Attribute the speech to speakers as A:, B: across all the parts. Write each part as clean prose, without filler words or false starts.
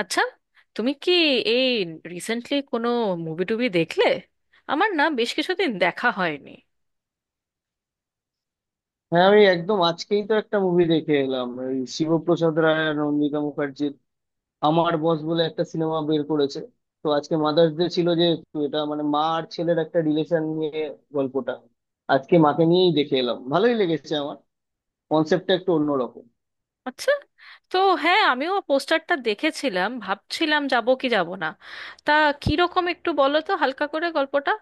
A: আচ্ছা, তুমি কি এই রিসেন্টলি কোনো মুভি টুভি দেখলে? আমার না বেশ কিছুদিন দেখা হয়নি।
B: হ্যাঁ, আমি একদম আজকেই তো একটা মুভি দেখে এলাম, ওই শিবপ্রসাদ রায় আর নন্দিতা মুখার্জির "আমার বস" বলে একটা সিনেমা বের করেছে। তো আজকে মাদার্স ডে ছিল যেহেতু, এটা মানে মা আর ছেলের একটা রিলেশন নিয়ে গল্পটা। আজকে মাকে নিয়েই দেখে এলাম, ভালোই লেগেছে আমার। কনসেপ্টটা একটু অন্যরকম।
A: আচ্ছা। তো হ্যাঁ, আমিও পোস্টারটা দেখেছিলাম, ভাবছিলাম যাব কি যাব না। তা কিরকম একটু বলো তো হালকা করে গল্পটা।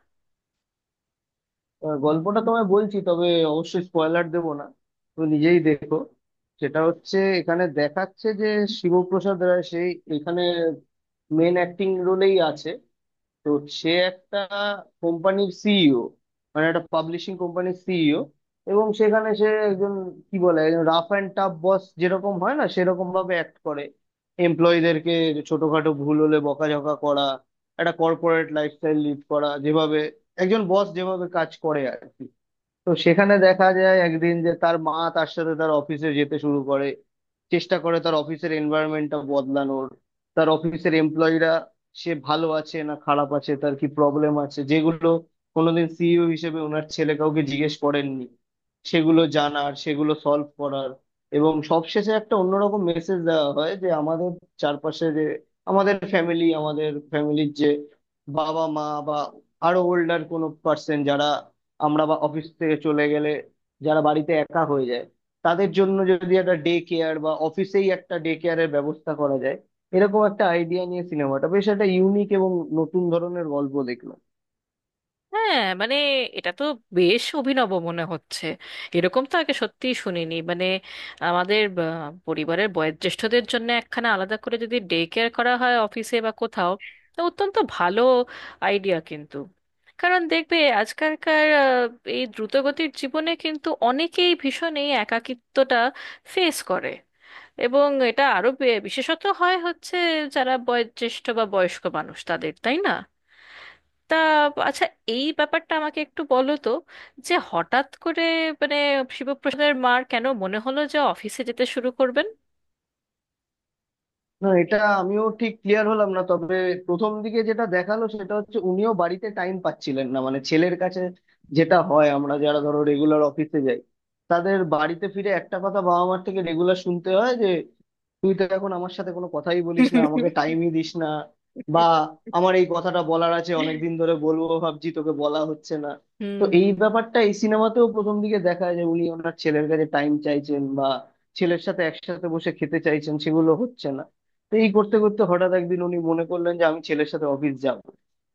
B: গল্পটা তোমায় বলছি, তবে অবশ্যই স্পয়লার দেবো না, তুমি নিজেই দেখো। সেটা হচ্ছে, এখানে দেখাচ্ছে যে শিবপ্রসাদ রায় সেই এখানে মেন অ্যাক্টিং রোলেই আছে। তো সে একটা কোম্পানির সিইও, মানে একটা পাবলিশিং কোম্পানির সিইও। এবং সেখানে সে একজন, কি বলে, একজন রাফ অ্যান্ড টাফ বস যেরকম হয় না, সেরকম ভাবে অ্যাক্ট করে এমপ্লয়ীদেরকে। ছোটখাটো ভুল হলে বকাঝকা করা, একটা কর্পোরেট লাইফস্টাইল লিড করা, যেভাবে একজন বস যেভাবে কাজ করে আর কি। তো সেখানে দেখা যায় একদিন যে তার মা তার সাথে তার অফিসে যেতে শুরু করে। চেষ্টা করে তার অফিসের এনভায়রনমেন্টটা বদলানোর। তার অফিসের এমপ্লয়িরা সে ভালো আছে না খারাপ আছে, তার কি প্রবলেম আছে, যেগুলো কোনোদিন সিইও হিসেবে ওনার ছেলে কাউকে জিজ্ঞেস করেননি, সেগুলো জানার, সেগুলো সলভ করার। এবং সবশেষে একটা অন্যরকম মেসেজ দেওয়া হয় যে আমাদের চারপাশে যে আমাদের ফ্যামিলি, আমাদের ফ্যামিলির যে বাবা মা বা আরো ওল্ডার কোনো পার্সন, যারা আমরা বা অফিস থেকে চলে গেলে যারা বাড়িতে একা হয়ে যায়, তাদের জন্য যদি একটা ডে কেয়ার বা অফিসেই একটা ডে কেয়ারের ব্যবস্থা করা যায়। এরকম একটা আইডিয়া নিয়ে সিনেমাটা, বেশ একটা ইউনিক এবং নতুন ধরনের গল্প দেখলাম।
A: হ্যাঁ, মানে এটা তো বেশ অভিনব মনে হচ্ছে। এরকম তো আগে সত্যিই শুনিনি। মানে আমাদের পরিবারের বয়োজ্যেষ্ঠদের জন্য একখানা আলাদা করে যদি ডে কেয়ার করা হয় অফিসে বা কোথাও, তো অত্যন্ত ভালো আইডিয়া কিন্তু। কারণ দেখবে, আজকালকার এই দ্রুতগতির জীবনে কিন্তু অনেকেই ভীষণ এই একাকিত্বটা ফেস করে। এবং এটা আরো বিশেষত হচ্ছে যারা বয়োজ্যেষ্ঠ বা বয়স্ক মানুষ তাদের, তাই না? তা আচ্ছা, এই ব্যাপারটা আমাকে একটু বলো তো যে হঠাৎ করে, মানে শিবপ্রসাদের মার কেন মনে হলো যে অফিসে যেতে শুরু করবেন?
B: না, এটা আমিও ঠিক ক্লিয়ার হলাম না, তবে প্রথম দিকে যেটা দেখালো সেটা হচ্ছে উনিও বাড়িতে টাইম পাচ্ছিলেন না, মানে ছেলের কাছে। যেটা হয়, আমরা যারা ধরো রেগুলার অফিসে যাই, তাদের বাড়িতে ফিরে একটা কথা বাবা মার থেকে রেগুলার শুনতে হয় যে তুই তো এখন আমার সাথে কোনো কথাই বলিস না, আমাকে টাইমই দিস না, বা আমার এই কথাটা বলার আছে অনেকদিন ধরে, বলবো ভাবছি, তোকে বলা হচ্ছে না। তো
A: হুম।
B: এই ব্যাপারটা এই সিনেমাতেও প্রথম দিকে দেখায় যে উনি ওনার ছেলের কাছে টাইম চাইছেন, বা ছেলের সাথে একসাথে বসে খেতে চাইছেন, সেগুলো হচ্ছে না। তো এই করতে করতে হঠাৎ একদিন উনি মনে করলেন যে আমি ছেলের সাথে অফিস যাব।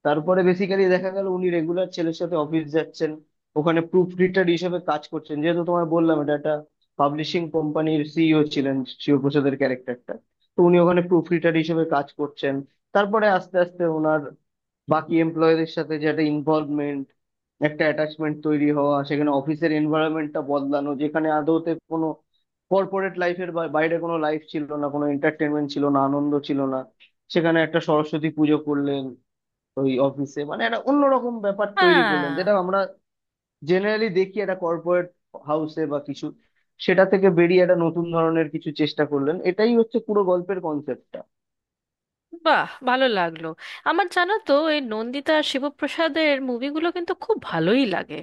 B: তারপরে বেসিক্যালি দেখা গেল উনি রেগুলার ছেলের সাথে অফিস যাচ্ছেন, ওখানে প্রুফ রিডার হিসেবে কাজ করছেন। যেহেতু তোমায় বললাম, এটা একটা পাবলিশিং কোম্পানির সিইও ছিলেন শিবপ্রসাদের ক্যারেক্টারটা। তো উনি ওখানে প্রুফ রিডার হিসেবে কাজ করছেন, তারপরে আস্তে আস্তে ওনার বাকি এমপ্লয়ীদের সাথে যে একটা ইনভলভমেন্ট, একটা অ্যাটাচমেন্ট তৈরি হওয়া, সেখানে অফিসের এনভায়রনমেন্টটা বদলানো, যেখানে আদৌতে কোনো কর্পোরেট লাইফের বাইরে কোনো লাইফ ছিল না, কোনো এন্টারটেনমেন্ট ছিল না, আনন্দ ছিল না। সেখানে একটা সরস্বতী পুজো করলেন ওই অফিসে, মানে একটা অন্যরকম ব্যাপার তৈরি করলেন,
A: হ্যাঁ।
B: যেটা আমরা জেনারেলি দেখি একটা কর্পোরেট হাউসে বা কিছু, সেটা থেকে বেরিয়ে একটা নতুন ধরনের কিছু চেষ্টা করলেন। এটাই হচ্ছে পুরো গল্পের কনসেপ্টটা।
A: বাহ, ভালো লাগলো। আমার জানো তো, এই নন্দিতা আর শিবপ্রসাদের মুভিগুলো কিন্তু খুব ভালোই লাগে।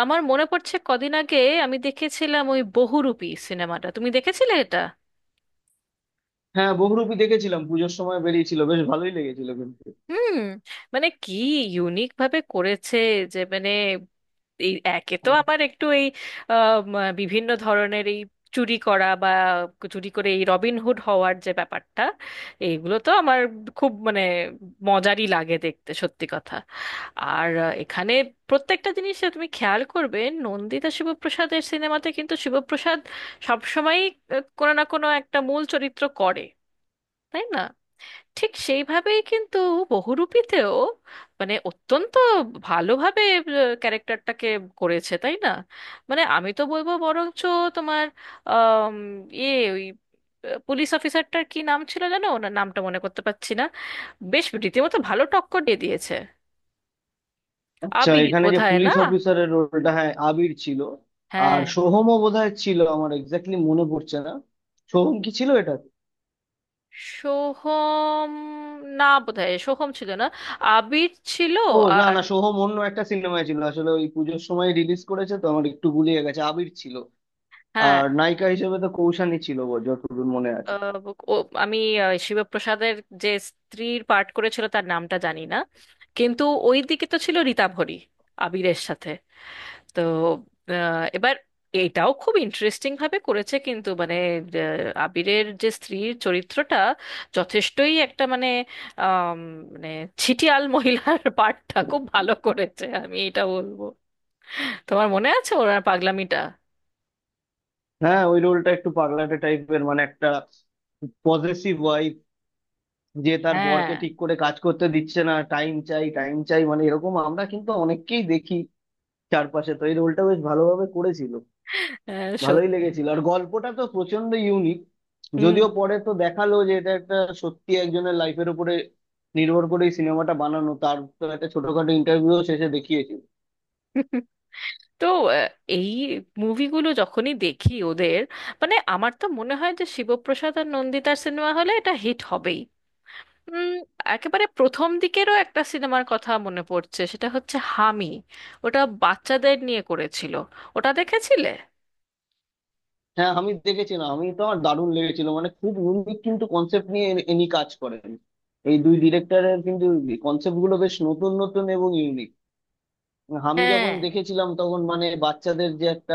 A: আমার মনে পড়ছে কদিন আগে আমি দেখেছিলাম ওই বহুরূপী সিনেমাটা। তুমি দেখেছিলে এটা?
B: হ্যাঁ, বহুরূপী দেখেছিলাম, পুজোর সময় বেরিয়েছিল, বেশ ভালোই লেগেছিল কিন্তু।
A: হুম। মানে কি ইউনিক ভাবে করেছে! যে মানে এই একে তো আমার একটু এই বিভিন্ন ধরনের এই চুরি করা বা চুরি করে এই রবিনহুড হওয়ার যে ব্যাপারটা, এইগুলো তো আমার খুব মানে মজারই লাগে দেখতে, সত্যি কথা। আর এখানে প্রত্যেকটা জিনিসে তুমি খেয়াল করবে নন্দিতা শিবপ্রসাদের সিনেমাতে কিন্তু শিবপ্রসাদ সবসময়ই কোনো না কোনো একটা মূল চরিত্র করে, তাই না? ঠিক সেইভাবেই কিন্তু বহুরূপীতেও মানে অত্যন্ত ভালোভাবে ক্যারেক্টারটাকে করেছে, তাই না? মানে আমি তো বলবো বরঞ্চ তোমার আম, ইয়ে ওই পুলিশ অফিসারটার কি নাম ছিল জানো? ওনার নামটা মনে করতে পারছি না। বেশ রীতিমতো ভালো টক্কর দিয়ে দিয়েছে।
B: আচ্ছা,
A: আবির
B: এখানে যে
A: বোধহয়,
B: পুলিশ
A: না?
B: অফিসারের রোলটা, হ্যাঁ আবির ছিল। আর
A: হ্যাঁ।
B: সোহমও বোধহয় ছিল, আমার এক্স্যাক্টলি মনে পড়ছে না। সোহম কি ছিল এটা?
A: সোহম? না, বোধহয় সোহম ছিল না, আবির ছিল।
B: ও না
A: আর
B: না, সোহম অন্য একটা সিনেমায় ছিল আসলে, ওই পুজোর সময় রিলিজ করেছে তো আমার একটু গুলিয়ে গেছে। আবির ছিল।
A: হ্যাঁ।
B: আর নায়িকা হিসেবে তো কৌশানী ছিল যতদূর মনে আছে।
A: আহ, ও, আমি শিবপ্রসাদের যে স্ত্রীর পার্ট করেছিল তার নামটা জানি না, কিন্তু ওই দিকে তো ছিল রীতাভরি আবিরের সাথে। তো এবার এটাও খুব ইন্টারেস্টিং ভাবে করেছে কিন্তু, মানে আবিরের যে স্ত্রীর চরিত্রটা যথেষ্টই একটা মানে আম, মানে ছিটিয়াল মহিলার পার্টটা খুব ভালো করেছে, আমি এটা বলবো। তোমার মনে আছে ওনার পাগলামিটা?
B: হ্যাঁ, ওই রোলটা একটু পাগলাটে টাইপের, মানে একটা পজেসিভ ওয়াইফ, যে তার
A: হ্যাঁ।
B: বরকে ঠিক করে কাজ করতে দিচ্ছে না, টাইম চাই টাইম চাই, মানে এরকম আমরা কিন্তু অনেককেই দেখি চারপাশে। তো এই রোলটা বেশ ভালোভাবে করেছিল,
A: হ্যাঁ,
B: ভালোই
A: সত্যি।
B: লেগেছিল। আর গল্পটা তো প্রচন্ড ইউনিক।
A: হুম।
B: যদিও পরে তো দেখালো যে এটা একটা সত্যি একজনের লাইফের উপরে নির্ভর করে এই সিনেমাটা বানানো, তার তো একটা ছোটখাটো ইন্টারভিউ শেষে দেখিয়েছিল।
A: তো আহ, এই মুভিগুলো যখনই দেখি ওদের, মানে আমার তো মনে হয় যে শিবপ্রসাদ আর নন্দিতার সিনেমা হলে এটা হিট হবেই। উম, একেবারে প্রথম দিকেরও একটা সিনেমার কথা মনে পড়ছে, সেটা হচ্ছে হামি। ওটা বাচ্চাদের নিয়ে করেছিল। ওটা দেখেছিলে?
B: হ্যাঁ, আমি দেখেছিলাম, আমি তো, আমার দারুণ লেগেছিল, মানে খুব ইউনিক কিন্তু কনসেপ্ট নিয়ে ইনি কাজ করেন। এই দুই ডিরেক্টরের কিন্তু কনসেপ্ট গুলো বেশ নতুন নতুন এবং ইউনিক। আমি
A: হ্যাঁ।
B: যখন দেখেছিলাম তখন, মানে বাচ্চাদের যে একটা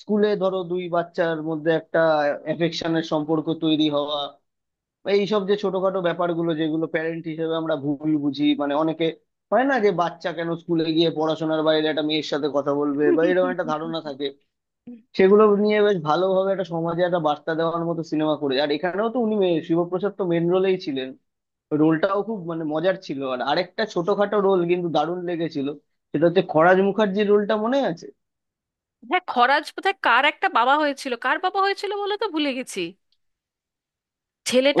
B: স্কুলে ধরো দুই বাচ্চার মধ্যে একটা অ্যাফেকশনের সম্পর্ক তৈরি হওয়া, এইসব যে ছোটখাটো ব্যাপারগুলো যেগুলো প্যারেন্ট হিসেবে আমরা ভুল বুঝি, মানে অনেকে হয় না যে বাচ্চা কেন স্কুলে গিয়ে পড়াশোনার বাইরে একটা মেয়ের সাথে কথা বলবে, বা এরকম একটা ধারণা থাকে, সেগুলো নিয়ে বেশ ভালোভাবে একটা সমাজে একটা বার্তা দেওয়ার মতো সিনেমা করে। আর এখানেও তো উনি শিবপ্রসাদ তো মেন রোলেই ছিলেন, রোলটাও খুব মানে মজার ছিল। আর আরেকটা ছোটখাটো রোল কিন্তু দারুণ লেগেছিল, সেটা হচ্ছে খরাজ মুখার্জির রোলটা মনে আছে
A: হ্যাঁ, খরাজ বোধহয় কার একটা বাবা হয়েছিল, কার বাবা হয়েছিল বলে তো ভুলে গেছি।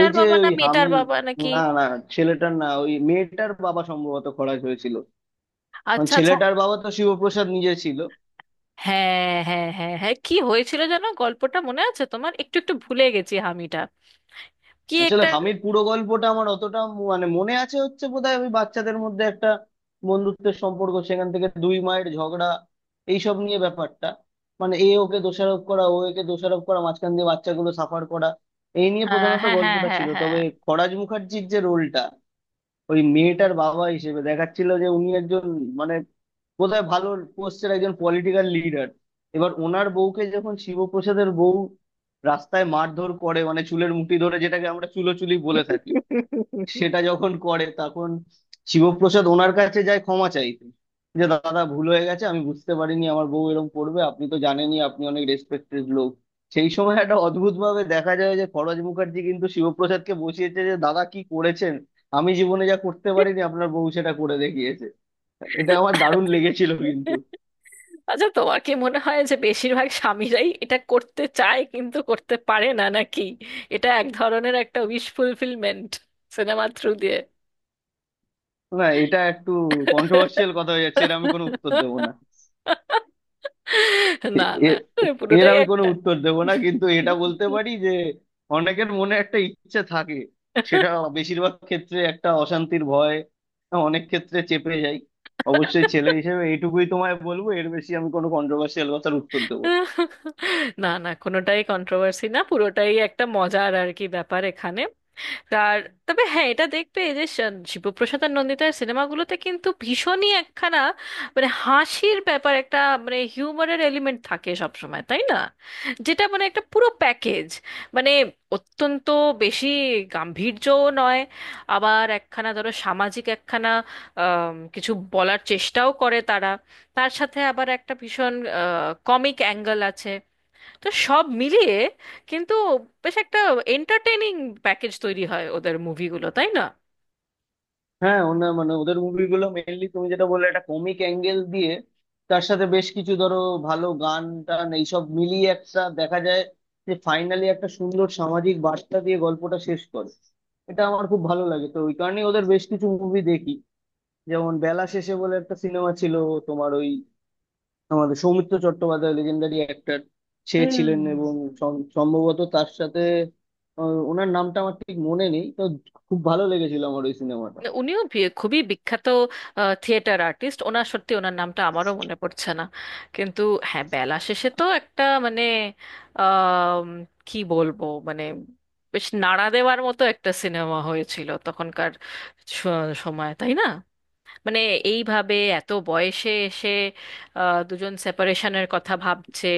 B: ওই যে,
A: বাবা না
B: ওই
A: মেয়েটার
B: হামি।
A: বাবা নাকি?
B: না না, ছেলেটার না, ওই মেয়েটার বাবা সম্ভবত খরাজ হয়েছিল, কারণ
A: আচ্ছা, আচ্ছা।
B: ছেলেটার বাবা তো শিবপ্রসাদ নিজে ছিল।
A: হ্যাঁ, হ্যাঁ, হ্যাঁ, হ্যাঁ, কি হয়েছিল যেন গল্পটা, মনে আছে তোমার? একটু একটু ভুলে গেছি হামিটা কি
B: আসলে
A: একটা।
B: হামির পুরো গল্পটা আমার অতটা মানে মনে আছে হচ্ছে বোধহয় ওই বাচ্চাদের মধ্যে একটা বন্ধুত্বের সম্পর্ক, সেখান থেকে দুই মায়ের ঝগড়া, এইসব নিয়ে ব্যাপারটা, মানে এ ওকে দোষারোপ করা, ও একে দোষারোপ করা, মাঝখান দিয়ে বাচ্চাগুলো সাফার করা, এই নিয়ে
A: হ্যাঁ,
B: প্রধানত
A: হ্যাঁ, হ্যাঁ,
B: গল্পটা
A: হ্যাঁ,
B: ছিল।
A: হ্যাঁ।
B: তবে খরাজ মুখার্জির যে রোলটা, ওই মেয়েটার বাবা হিসেবে দেখাচ্ছিল যে উনি একজন, মানে বোধহয় ভালো পোস্টের একজন পলিটিক্যাল লিডার। এবার ওনার বউকে যখন শিবপ্রসাদের বউ রাস্তায় মারধর করে, মানে চুলের মুঠি ধরে যেটাকে আমরা চুলোচুলি বলে থাকি, সেটা যখন করে, তখন শিবপ্রসাদ ওনার কাছে যায় ক্ষমা চাইতে যে দাদা ভুল হয়ে গেছে, আমি বুঝতে পারিনি আমার বউ এরকম করবে, আপনি তো জানেনই আপনি অনেক রেসপেক্টেড লোক। সেই সময় একটা অদ্ভুত ভাবে দেখা যায় যে খরচ মুখার্জি কিন্তু শিবপ্রসাদকে বসিয়েছে যে দাদা কি করেছেন, আমি জীবনে যা করতে পারিনি আপনার বউ সেটা করে দেখিয়েছে। এটা আমার দারুণ লেগেছিল কিন্তু।
A: আচ্ছা, তোমার কি মনে হয় যে বেশিরভাগ স্বামীরাই এটা করতে চায় কিন্তু করতে পারে না, নাকি এটা এক ধরনের একটা উইশ ফুলফিলমেন্ট সিনেমার থ্রু দিয়ে?
B: না, এটা একটু কন্ট্রোভার্সিয়াল কথা হয়ে যাচ্ছে, এর আমি কোনো উত্তর দেবো না।
A: না, না,
B: এ- এর
A: পুরোটাই
B: আমি কোনো
A: একটা,
B: উত্তর দেব না, কিন্তু এটা বলতে পারি যে অনেকের মনে একটা ইচ্ছে থাকে, সেটা বেশিরভাগ ক্ষেত্রে একটা অশান্তির ভয় অনেক ক্ষেত্রে চেপে যায়। অবশ্যই ছেলে হিসেবে এইটুকুই তোমায় বলবো, এর বেশি আমি কোনো কন্ট্রোভার্সিয়াল কথার উত্তর দেবো না।
A: না, না, কোনোটাই কন্ট্রোভার্সি না, পুরোটাই একটা মজার আর কি ব্যাপার এখানে। আর তবে হ্যাঁ, এটা দেখবে এই যে শিবপ্রসাদ আর নন্দিতার সিনেমাগুলোতে কিন্তু ভীষণই একখানা মানে হাসির ব্যাপার, একটা মানে হিউমারের এলিমেন্ট থাকে সব সময়, তাই না? যেটা মানে একটা পুরো প্যাকেজ, মানে অত্যন্ত বেশি গাম্ভীর্যও নয়, আবার একখানা ধরো সামাজিক একখানা কিছু বলার চেষ্টাও করে তারা। তার সাথে আবার একটা ভীষণ কমিক অ্যাঙ্গেল আছে। তো সব মিলিয়ে কিন্তু বেশ একটা এন্টারটেইনিং প্যাকেজ তৈরি হয় ওদের মুভিগুলো, তাই না?
B: হ্যাঁ, মানে ওদের মুভিগুলো মেইনলি তুমি যেটা বললে, একটা কমিক অ্যাঙ্গেল দিয়ে, তার সাথে বেশ কিছু ধরো ভালো গান টান, এইসব মিলিয়ে একটা দেখা যায় যে ফাইনালি একটা সুন্দর সামাজিক বার্তা দিয়ে গল্পটা শেষ করে। এটা আমার খুব ভালো লাগে, তো ওই কারণেই ওদের বেশ কিছু মুভি দেখি। যেমন বেলা শেষে বলে একটা সিনেমা ছিল তোমার, ওই আমাদের সৌমিত্র চট্টোপাধ্যায়, লেজেন্ডারি অ্যাক্টর সে ছিলেন,
A: হুম।
B: এবং সম্ভবত তার সাথে ওনার নামটা আমার ঠিক মনে নেই তো। খুব ভালো লেগেছিল আমার ওই সিনেমাটা।
A: উনিও খুবই বিখ্যাত থিয়েটার আর্টিস্ট। সত্যি ওনার নামটা আমারও মনে পড়ছে না, কিন্তু হ্যাঁ, বেলা শেষে তো একটা মানে আম, কি বলবো মানে বেশ নাড়া দেওয়ার মতো একটা সিনেমা হয়েছিল তখনকার স- সময়, তাই না? মানে এইভাবে এত বয়সে এসে দুজন সেপারেশনের কথা ভাবছে,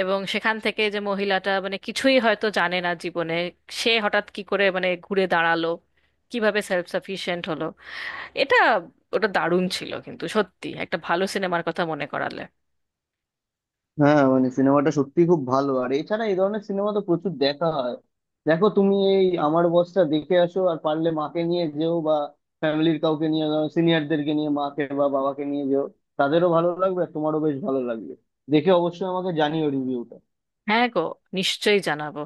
A: এবং সেখান থেকে যে মহিলাটা মানে কিছুই হয়তো জানে না জীবনে, সে হঠাৎ কি করে মানে ঘুরে দাঁড়ালো, কিভাবে সেলফ সাফিশিয়েন্ট হলো, এটা ওটা দারুণ ছিল কিন্তু। সত্যি একটা ভালো সিনেমার কথা মনে করালে।
B: হ্যাঁ, মানে সিনেমাটা সত্যি খুব ভালো, আর এছাড়া এই ধরনের সিনেমা তো প্রচুর দেখা হয়। দেখো, তুমি এই আমার বসটা দেখে আসো, আর পারলে মাকে নিয়ে যেও, বা ফ্যামিলির কাউকে নিয়ে, সিনিয়রদেরকে নিয়ে, মাকে বা বাবাকে নিয়ে যেও। তাদেরও ভালো লাগবে, আর তোমারও বেশ ভালো লাগবে। দেখে অবশ্যই আমাকে জানিও রিভিউটা।
A: হ্যাঁ গো, নিশ্চয়ই জানাবো।